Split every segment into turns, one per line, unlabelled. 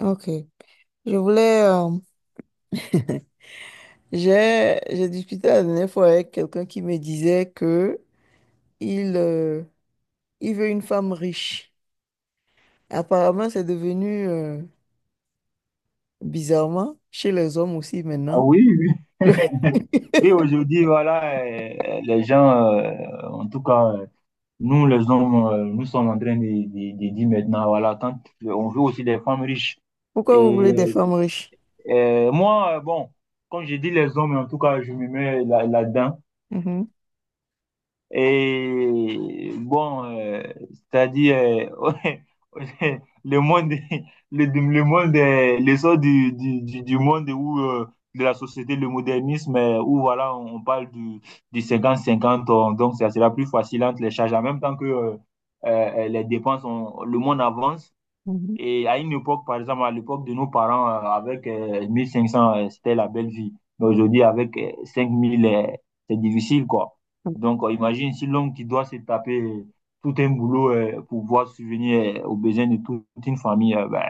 Ok. Je voulais. J'ai discuté la dernière fois avec quelqu'un qui me disait que il il veut une femme riche. Apparemment, c'est devenu bizarrement chez les hommes aussi
Ah
maintenant.
oui, oui. Oui, aujourd'hui, voilà, les gens, en tout cas, nous, les hommes, nous sommes en train de, de dire maintenant, voilà, quand on veut aussi des femmes riches.
Pourquoi vous voulez des
Et
femmes riches?
moi, bon, quand je dis les hommes, en tout cas, je me mets là, là-dedans.
Mhm,
Et bon, c'est-à-dire, euh, le monde, le monde, l'essor du, du monde où, de la société, le modernisme, où voilà, on parle du cinquante cinquante donc ça sera plus facile entre les charges, en même temps que les dépenses, le monde avance.
mhm,
Et à une époque, par exemple, à l'époque de nos parents, avec 1500, c'était la belle vie. Mais aujourd'hui, avec 5000, c'est difficile, quoi. Donc, imagine si l'homme qui doit se taper tout un boulot pour pouvoir subvenir aux besoins de toute une famille, ben,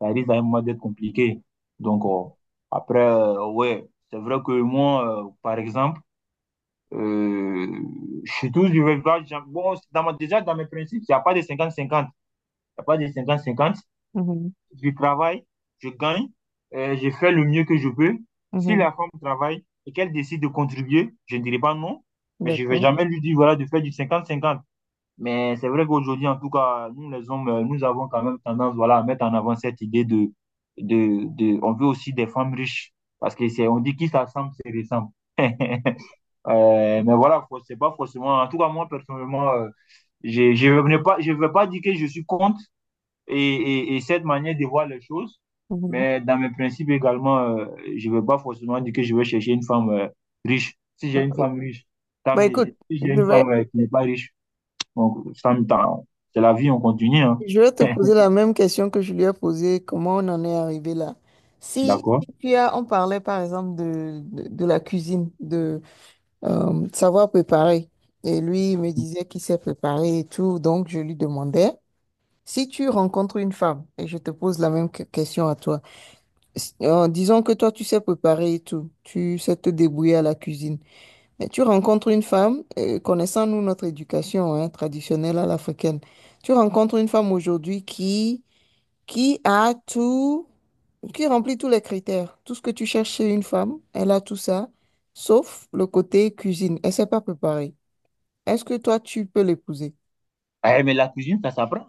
ça risque à un moment d'être compliqué. Donc, après, ouais, c'est vrai que moi, par exemple, euh, je suis toujours du village. Bon, déjà, dans mes principes, il n'y a pas de 50-50. Il n'y a pas de 50-50.
mhm,
Je travaille, je gagne, je fais le mieux que je peux.
mhm,
Si
mhm.
la femme travaille et qu'elle décide de contribuer, je ne dirai pas non, mais je ne vais
D'accord.
jamais lui dire voilà, de faire du cinquante cinquante. Mais c'est vrai qu'aujourd'hui, en tout cas, nous les hommes, nous avons quand même tendance voilà, à mettre en avant cette idée de, de... On veut aussi des femmes riches, parce que c'est, on dit qui s'assemble, c'est ressemble. Mais voilà, c'est pas forcément... En tout cas, moi, personnellement, je ne vais pas, je vais pas dire que je suis contre, et cette manière de voir les choses.
Mhm.
Mais dans mes principes également, je ne veux pas forcément dire que je vais chercher une femme riche. Si j'ai une
Ok.
femme riche, tant
Bah
mieux.
écoute,
Si j'ai
je
une femme
vais
qui n'est pas riche, donc, c'est la vie, on continue. Hein.
Je vais te poser la même question que je lui ai posée, comment on en est arrivé là? Si,
D'accord.
si tu as, on parlait par exemple de, de la cuisine, de savoir préparer, et lui il me disait qu'il sait préparer et tout, donc je lui demandais, si tu rencontres une femme, et je te pose la même question à toi, disons que toi tu sais préparer et tout, tu sais te débrouiller à la cuisine, mais tu rencontres une femme, connaissant nous notre éducation hein, traditionnelle à l'africaine, tu rencontres une femme aujourd'hui qui a tout, qui remplit tous les critères. Tout ce que tu cherches chez une femme, elle a tout ça, sauf le côté cuisine. Elle ne sait pas préparer. Est-ce que toi, tu peux l'épouser?
Eh, mais la cuisine, ça s'apprend.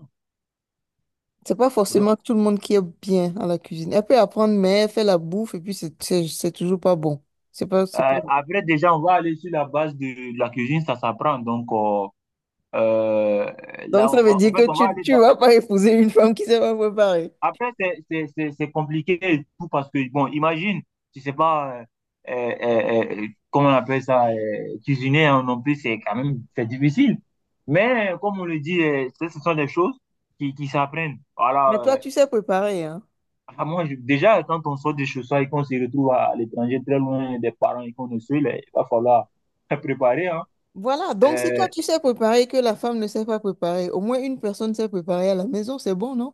C'est pas
Euh,
forcément tout le monde qui est bien à la cuisine. Elle peut apprendre, mais elle fait la bouffe et puis c'est toujours pas bon. C'est pas bon.
après, déjà, on va aller sur la base de la cuisine, ça s'apprend. Donc, euh,
Donc
là,
ça
on
veut
va, en
dire
fait,
que
on va
tu
aller
tu
dans.
vas pas épouser une femme qui sait pas préparer.
Après, c'est, c'est compliqué et tout parce que, bon, imagine, tu sais pas, comment on appelle ça, cuisiner hein, non plus, c'est quand même, c'est difficile. Mais, comme on le dit, ce sont des choses qui s'apprennent. Voilà,
Mais toi, tu sais préparer, hein.
à moi, déjà, quand on sort de chez soi et qu'on se retrouve à l'étranger, très loin des parents et qu'on est seul, il va falloir préparer, hein.
Voilà, donc si
Euh,
toi tu sais préparer et que la femme ne sait pas préparer, au moins une personne sait préparer à la maison, c'est bon, non?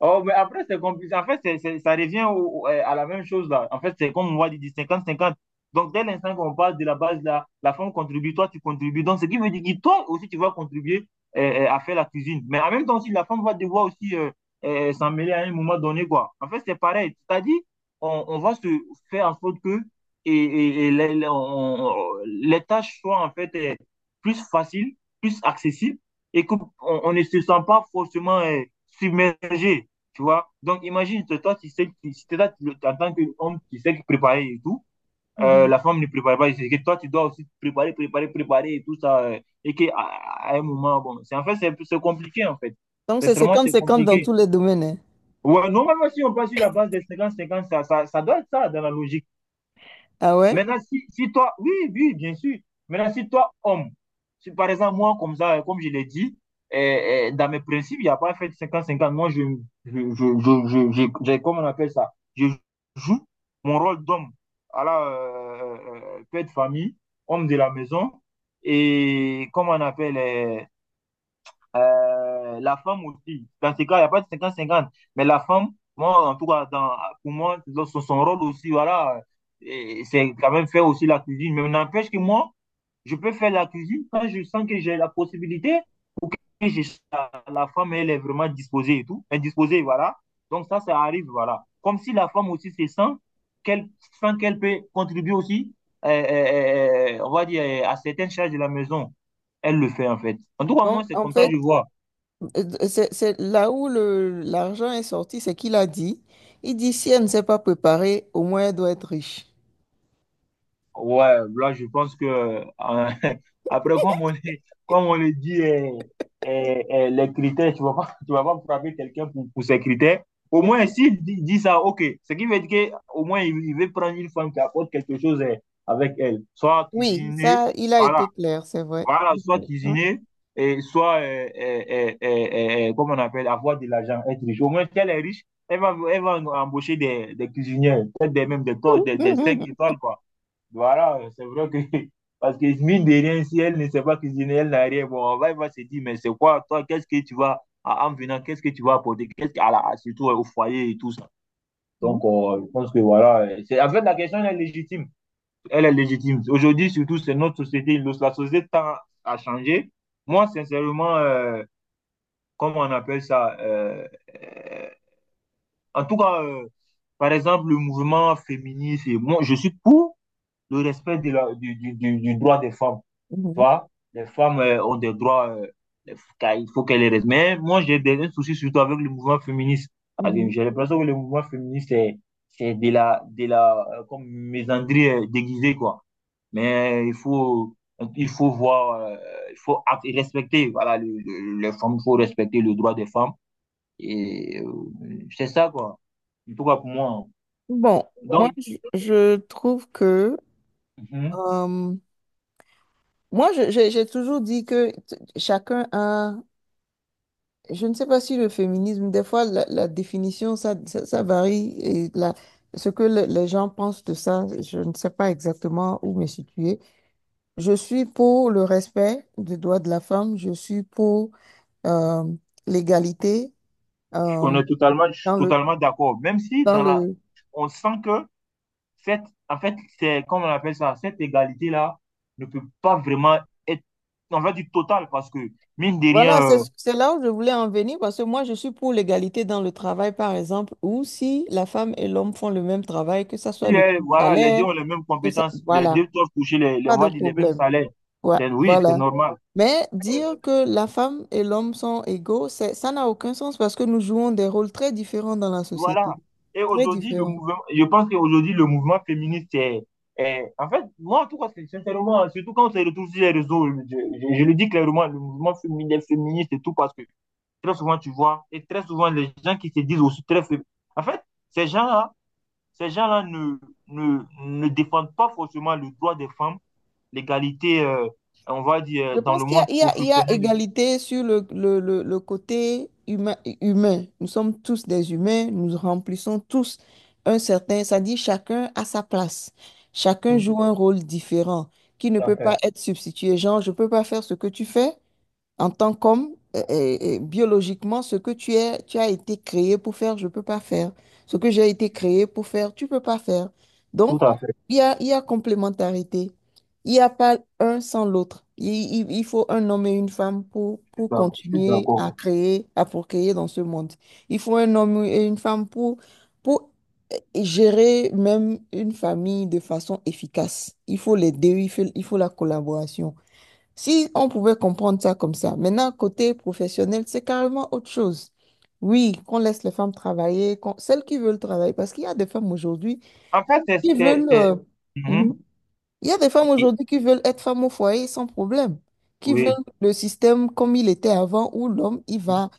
oh, mais après, c'est compliqué. En fait, ça revient à la même chose là. En fait, c'est comme on va dire cinquante cinquante. Donc, dès l'instant qu'on parle de la base là, la femme contribue, toi, tu contribues. Donc, ce qui veut dire que toi aussi, tu vas contribuer euh, à faire la cuisine. Mais en même temps aussi, la femme va devoir aussi s'en mêler à un moment donné, quoi. En fait, c'est pareil. C'est-à-dire, on va se faire en sorte que et les, les tâches soient en fait plus faciles, plus accessibles et qu'on on ne se sent pas forcément submergé. Tu vois? Donc, imagine, toi, tu sais, tu, si t'es là, en tant qu'homme, tu sais que préparer et tout, la femme ne prépare pas, c'est que toi, tu dois aussi préparer, préparer, préparer et tout ça, et qu'à à un moment, bon, c'est en fait, c'est compliqué, en fait.
Donc, c'est
Sincèrement,
cinquante
c'est
cinquante dans
compliqué.
tous les domaines. Hein.
Ouais, normalement, si on passe sur la base des cinquante cinquante ça, ça doit être ça dans la logique.
Ah ouais?
Maintenant, si, si toi, oui, oui, bien sûr. Maintenant, si toi, homme, si par exemple, moi, comme ça, comme je l'ai dit, dans mes principes, il n'y a pas fait 50-50. Moi, je, j'ai- comment on appelle ça? Je joue mon rôle d'homme, à la père de famille, homme de la maison, et comment on appelle, la femme aussi, dans ce cas, il n'y a pas de cinquante cinquante mais la femme, moi, en tout cas, dans, pour moi, dans son, son rôle aussi, voilà, et c'est quand même faire aussi la cuisine. Mais n'empêche que moi, je peux faire la cuisine quand je sens que j'ai la possibilité ou que je- la, la femme, elle est vraiment disposée et tout, indisposée, voilà. Donc ça arrive, voilà. Comme si la femme aussi se qu'elle sent qu'elle peut contribuer aussi, on va dire, à certaines charges de la maison. Elle le fait, en fait. En tout cas, moi,
Donc,
c'est
en
comme ça que
fait,
je vois.
euh, c'est là où l'argent est sorti, c'est qu'il a dit. Il dit, si elle ne s'est pas préparée, au moins elle doit être riche.
Ouais, là, je pense que après, comme on est, comme on le dit, les critères, tu vas pas frapper quelqu'un pour ses critères. Au moins, s'il dit, dit ça, ok. Ce qui veut dire qu'au moins, il veut prendre une femme qui apporte quelque chose avec elle. Soit
Oui,
cuisiner,
ça, il a
voilà,
été clair, c'est vrai.
voilà, soit
Hein?
cuisiner, et soit, comme on appelle, avoir de l'argent, être riche. Au moins, si elle est riche, elle va embaucher des cuisinières, peut-être des, même des, des 5 étoiles, quoi. Voilà, c'est vrai que, parce que mine de rien, si elle ne sait pas cuisiner, elle n'a rien. Bon, on va, il va se dire, mais c'est quoi, toi, qu'est-ce que tu vas, en en venant, qu'est-ce que tu vas apporter, qu'est-ce que qu'à la, surtout au foyer et tout ça.
Mhm.
Donc, je pense que voilà, c'est, en fait, la question, elle est légitime. Elle est légitime. Aujourd'hui, surtout, c'est notre société. La société tend à changer. Moi, sincèrement, comment on appelle ça euh, en tout cas, par exemple, le mouvement féministe, et moi, je suis pour le respect de du droit des femmes
Mhm.
vois, les femmes ont des droits, car il faut qu'elles les respectent. Mais moi, j'ai des un souci surtout avec le mouvement féministe. Parce que
Mhm.
j'ai l'impression que le mouvement féministe, c'est de la comme misandrie déguisée, quoi. Mais il faut voir, il faut et respecter, voilà, les femmes, il faut respecter le droit des femmes. Et c'est ça, quoi. En tout cas, pour moi.
Bon,
Donc,
je trouve que...
mhm,
euh, moi, j'ai toujours dit que chacun a... Je ne sais pas si le féminisme, des fois, la définition, ça varie. Et ce que les gens pensent de ça, je ne sais pas exactement où me situer. Je suis pour le respect des droits de la femme. Je suis pour euh, l'égalité
on
euh,
est totalement,
dans le,
totalement d'accord. Même si
dans
dans la,
le,
on sent que cette, en fait, c'est, comme on appelle ça, cette égalité-là ne peut pas vraiment être, on va dire, totale, parce que, mine de rien,
Voilà, c'est c'est là où je voulais en venir parce que moi, je suis pour l'égalité dans le travail, par exemple, ou si la femme et l'homme font le même travail, que ça soit le
les,
même
voilà, les deux
salaire,
ont les mêmes
que ça,
compétences, les
voilà,
deux doivent toucher les, on
pas de
va dire, les mêmes
problème.
salaires.
Ouais,
C'est, oui, c'est
voilà.
normal.
Mais dire que la femme et l'homme sont égaux, c'est, ça n'a aucun sens parce que nous jouons des rôles très différents dans la société.
Voilà. Et
Très
aujourd'hui, le
différents.
mouvement, je pense qu'aujourd'hui, le mouvement féministe est, en fait, moi, en tout cas, sincèrement, surtout quand on se retrouve sur les réseaux, je, je le dis clairement, le mouvement féminin, féministe et tout, parce que très souvent, tu vois, et très souvent, les gens qui se disent aussi très faibles. En fait, ces gens-là, ces gens-là ne, ne, ne défendent pas forcément le droit des femmes, l'égalité, on va dire,
Je
dans le
pense qu'il y
monde
a, il y a
professionnel. Et
égalité sur le côté humain, humain. Nous sommes tous des humains, nous remplissons tous un certain, ça dit chacun à sa place.
tout.
Chacun
Mhm.
joue un rôle différent qui ne
Tout à
peut pas
fait,
être substitué. Genre, je ne peux pas faire ce que tu fais, en tant qu'homme, biologiquement, ce que tu es, tu as été créé pour faire, je ne peux pas faire. Ce que j'ai été créé pour faire, tu ne peux pas faire.
tout
Donc,
à fait,
il y a complémentarité. Il n'y a pas un sans l'autre. Il faut un homme et une femme
je suis
pour
d'accord. Je suis
continuer
d'accord.
à créer, à procréer dans ce monde. Il faut un homme et une femme pour euh, gérer même une famille de façon efficace. Il faut les deux, il faut la collaboration. Si on pouvait comprendre ça comme ça. Maintenant, côté professionnel, c'est carrément autre chose. Oui, qu'on laisse les femmes travailler, celles qui veulent travailler, parce qu'il y a des femmes aujourd'hui
En fait,
qui veulent...
c'est- Mhm.
mhm. Il y a des femmes
Ok,
aujourd'hui qui veulent être femmes au foyer sans problème, qui veulent
oui.
le système comme il était avant, où l'homme, il va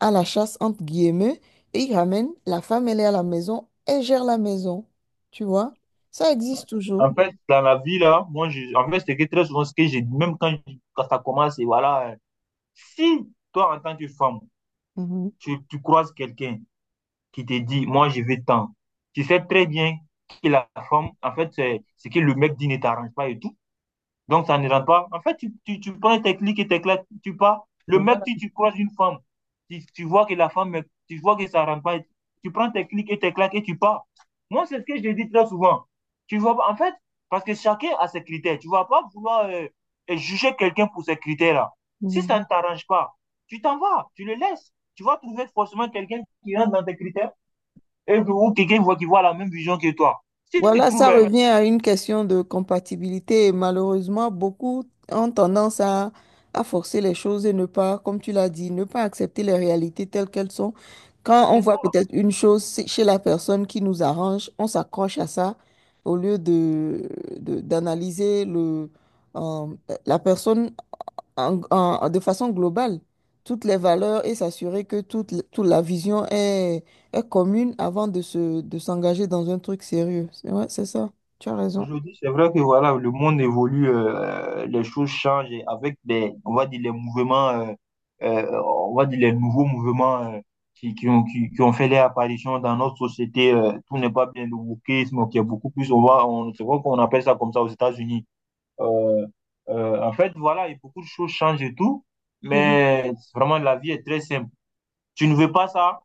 à la chasse, entre guillemets, et il ramène, la femme, elle est à la maison, elle gère la maison. Tu vois? Ça existe toujours.
En fait, dans la vie, là, moi, je, en fait, c'est que très souvent, ce que j'ai dit, même quand, quand ça commence, et voilà, si toi, en tant que femme,
Mhm.
tu croises quelqu'un qui te dit, moi, je veux tant. Tu sais très bien que la femme, en fait, c'est ce que le mec dit ne t'arrange pas et tout. Donc, ça ne rentre pas. En fait, tu prends tes clics et tes claques, tu pars. Le mec,
Voilà.
tu croises une femme, tu vois que la femme, tu vois que ça ne rentre pas. Tu prends tes clics et tes claques et tu pars. Moi, c'est ce que je dis très souvent. Tu vois, en fait, parce que chacun a ses critères. Tu ne vas pas vouloir juger quelqu'un pour ses critères-là. Si ça ne t'arrange pas, tu t'en vas, tu le laisses. Tu vas trouver forcément quelqu'un qui rentre dans tes critères et, ou quelqu'un voit qui voit la même vision que toi. Si tu
Voilà,
trouves,
ça revient à une question de compatibilité et malheureusement, beaucoup ont tendance à forcer les choses et ne pas, comme tu l'as dit, ne pas accepter les réalités telles qu'elles sont.
c'est
Quand on voit
ça.
peut-être une chose chez la personne qui nous arrange, on s'accroche à ça au lieu de, d'analyser le, euh, la personne de façon globale toutes les valeurs et s'assurer que toute, toute la vision est, est commune avant de se, de s'engager dans un truc sérieux. C'est- Ouais, c'est ça. Tu as raison.
Aujourd'hui, c'est vrai que voilà, le monde évolue, les choses changent et avec des, on va dire les mouvements, on va dire les nouveaux mouvements qui ont fait leur apparition dans notre société. Tout n'est pas bien le wokisme qui est beaucoup plus, on va, on, c'est vrai qu'on appelle ça comme ça aux États-Unis. Euh, en fait, voilà, et beaucoup de choses changent et tout,
Mm.
mais vraiment la vie est très simple. Tu ne veux pas ça?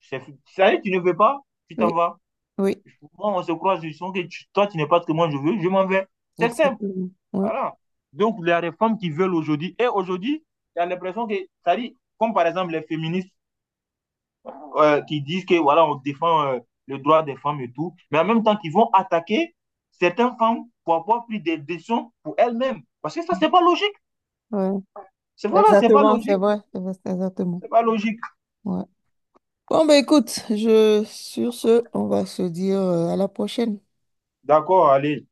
Tu savais, tu ne veux pas, tu t'en
Oui,
vas.
oui,
Moi, on se croise, je sens que toi, tu n'es pas ce que moi je veux, je m'en vais. C'est simple.
exactement. Ouais,
Voilà. Donc, les réformes qu'ils veulent aujourd'hui, et aujourd'hui, tu as l'impression que, ça dit, comme par exemple les féministes qui disent que, voilà, on défend le droit des femmes et tout, mais en même temps, qu'ils vont attaquer certaines femmes pour avoir pris des décisions pour elles-mêmes. Parce que ça, c'est pas logique.
ouais.
C'est voilà, c'est pas
Exactement, c'est
logique.
vrai. C'est vrai, c'est exactement.
C'est pas logique.
Ouais. Bon, ben écoute, je, sur ce, on va se dire à la prochaine.
D'accord, allez.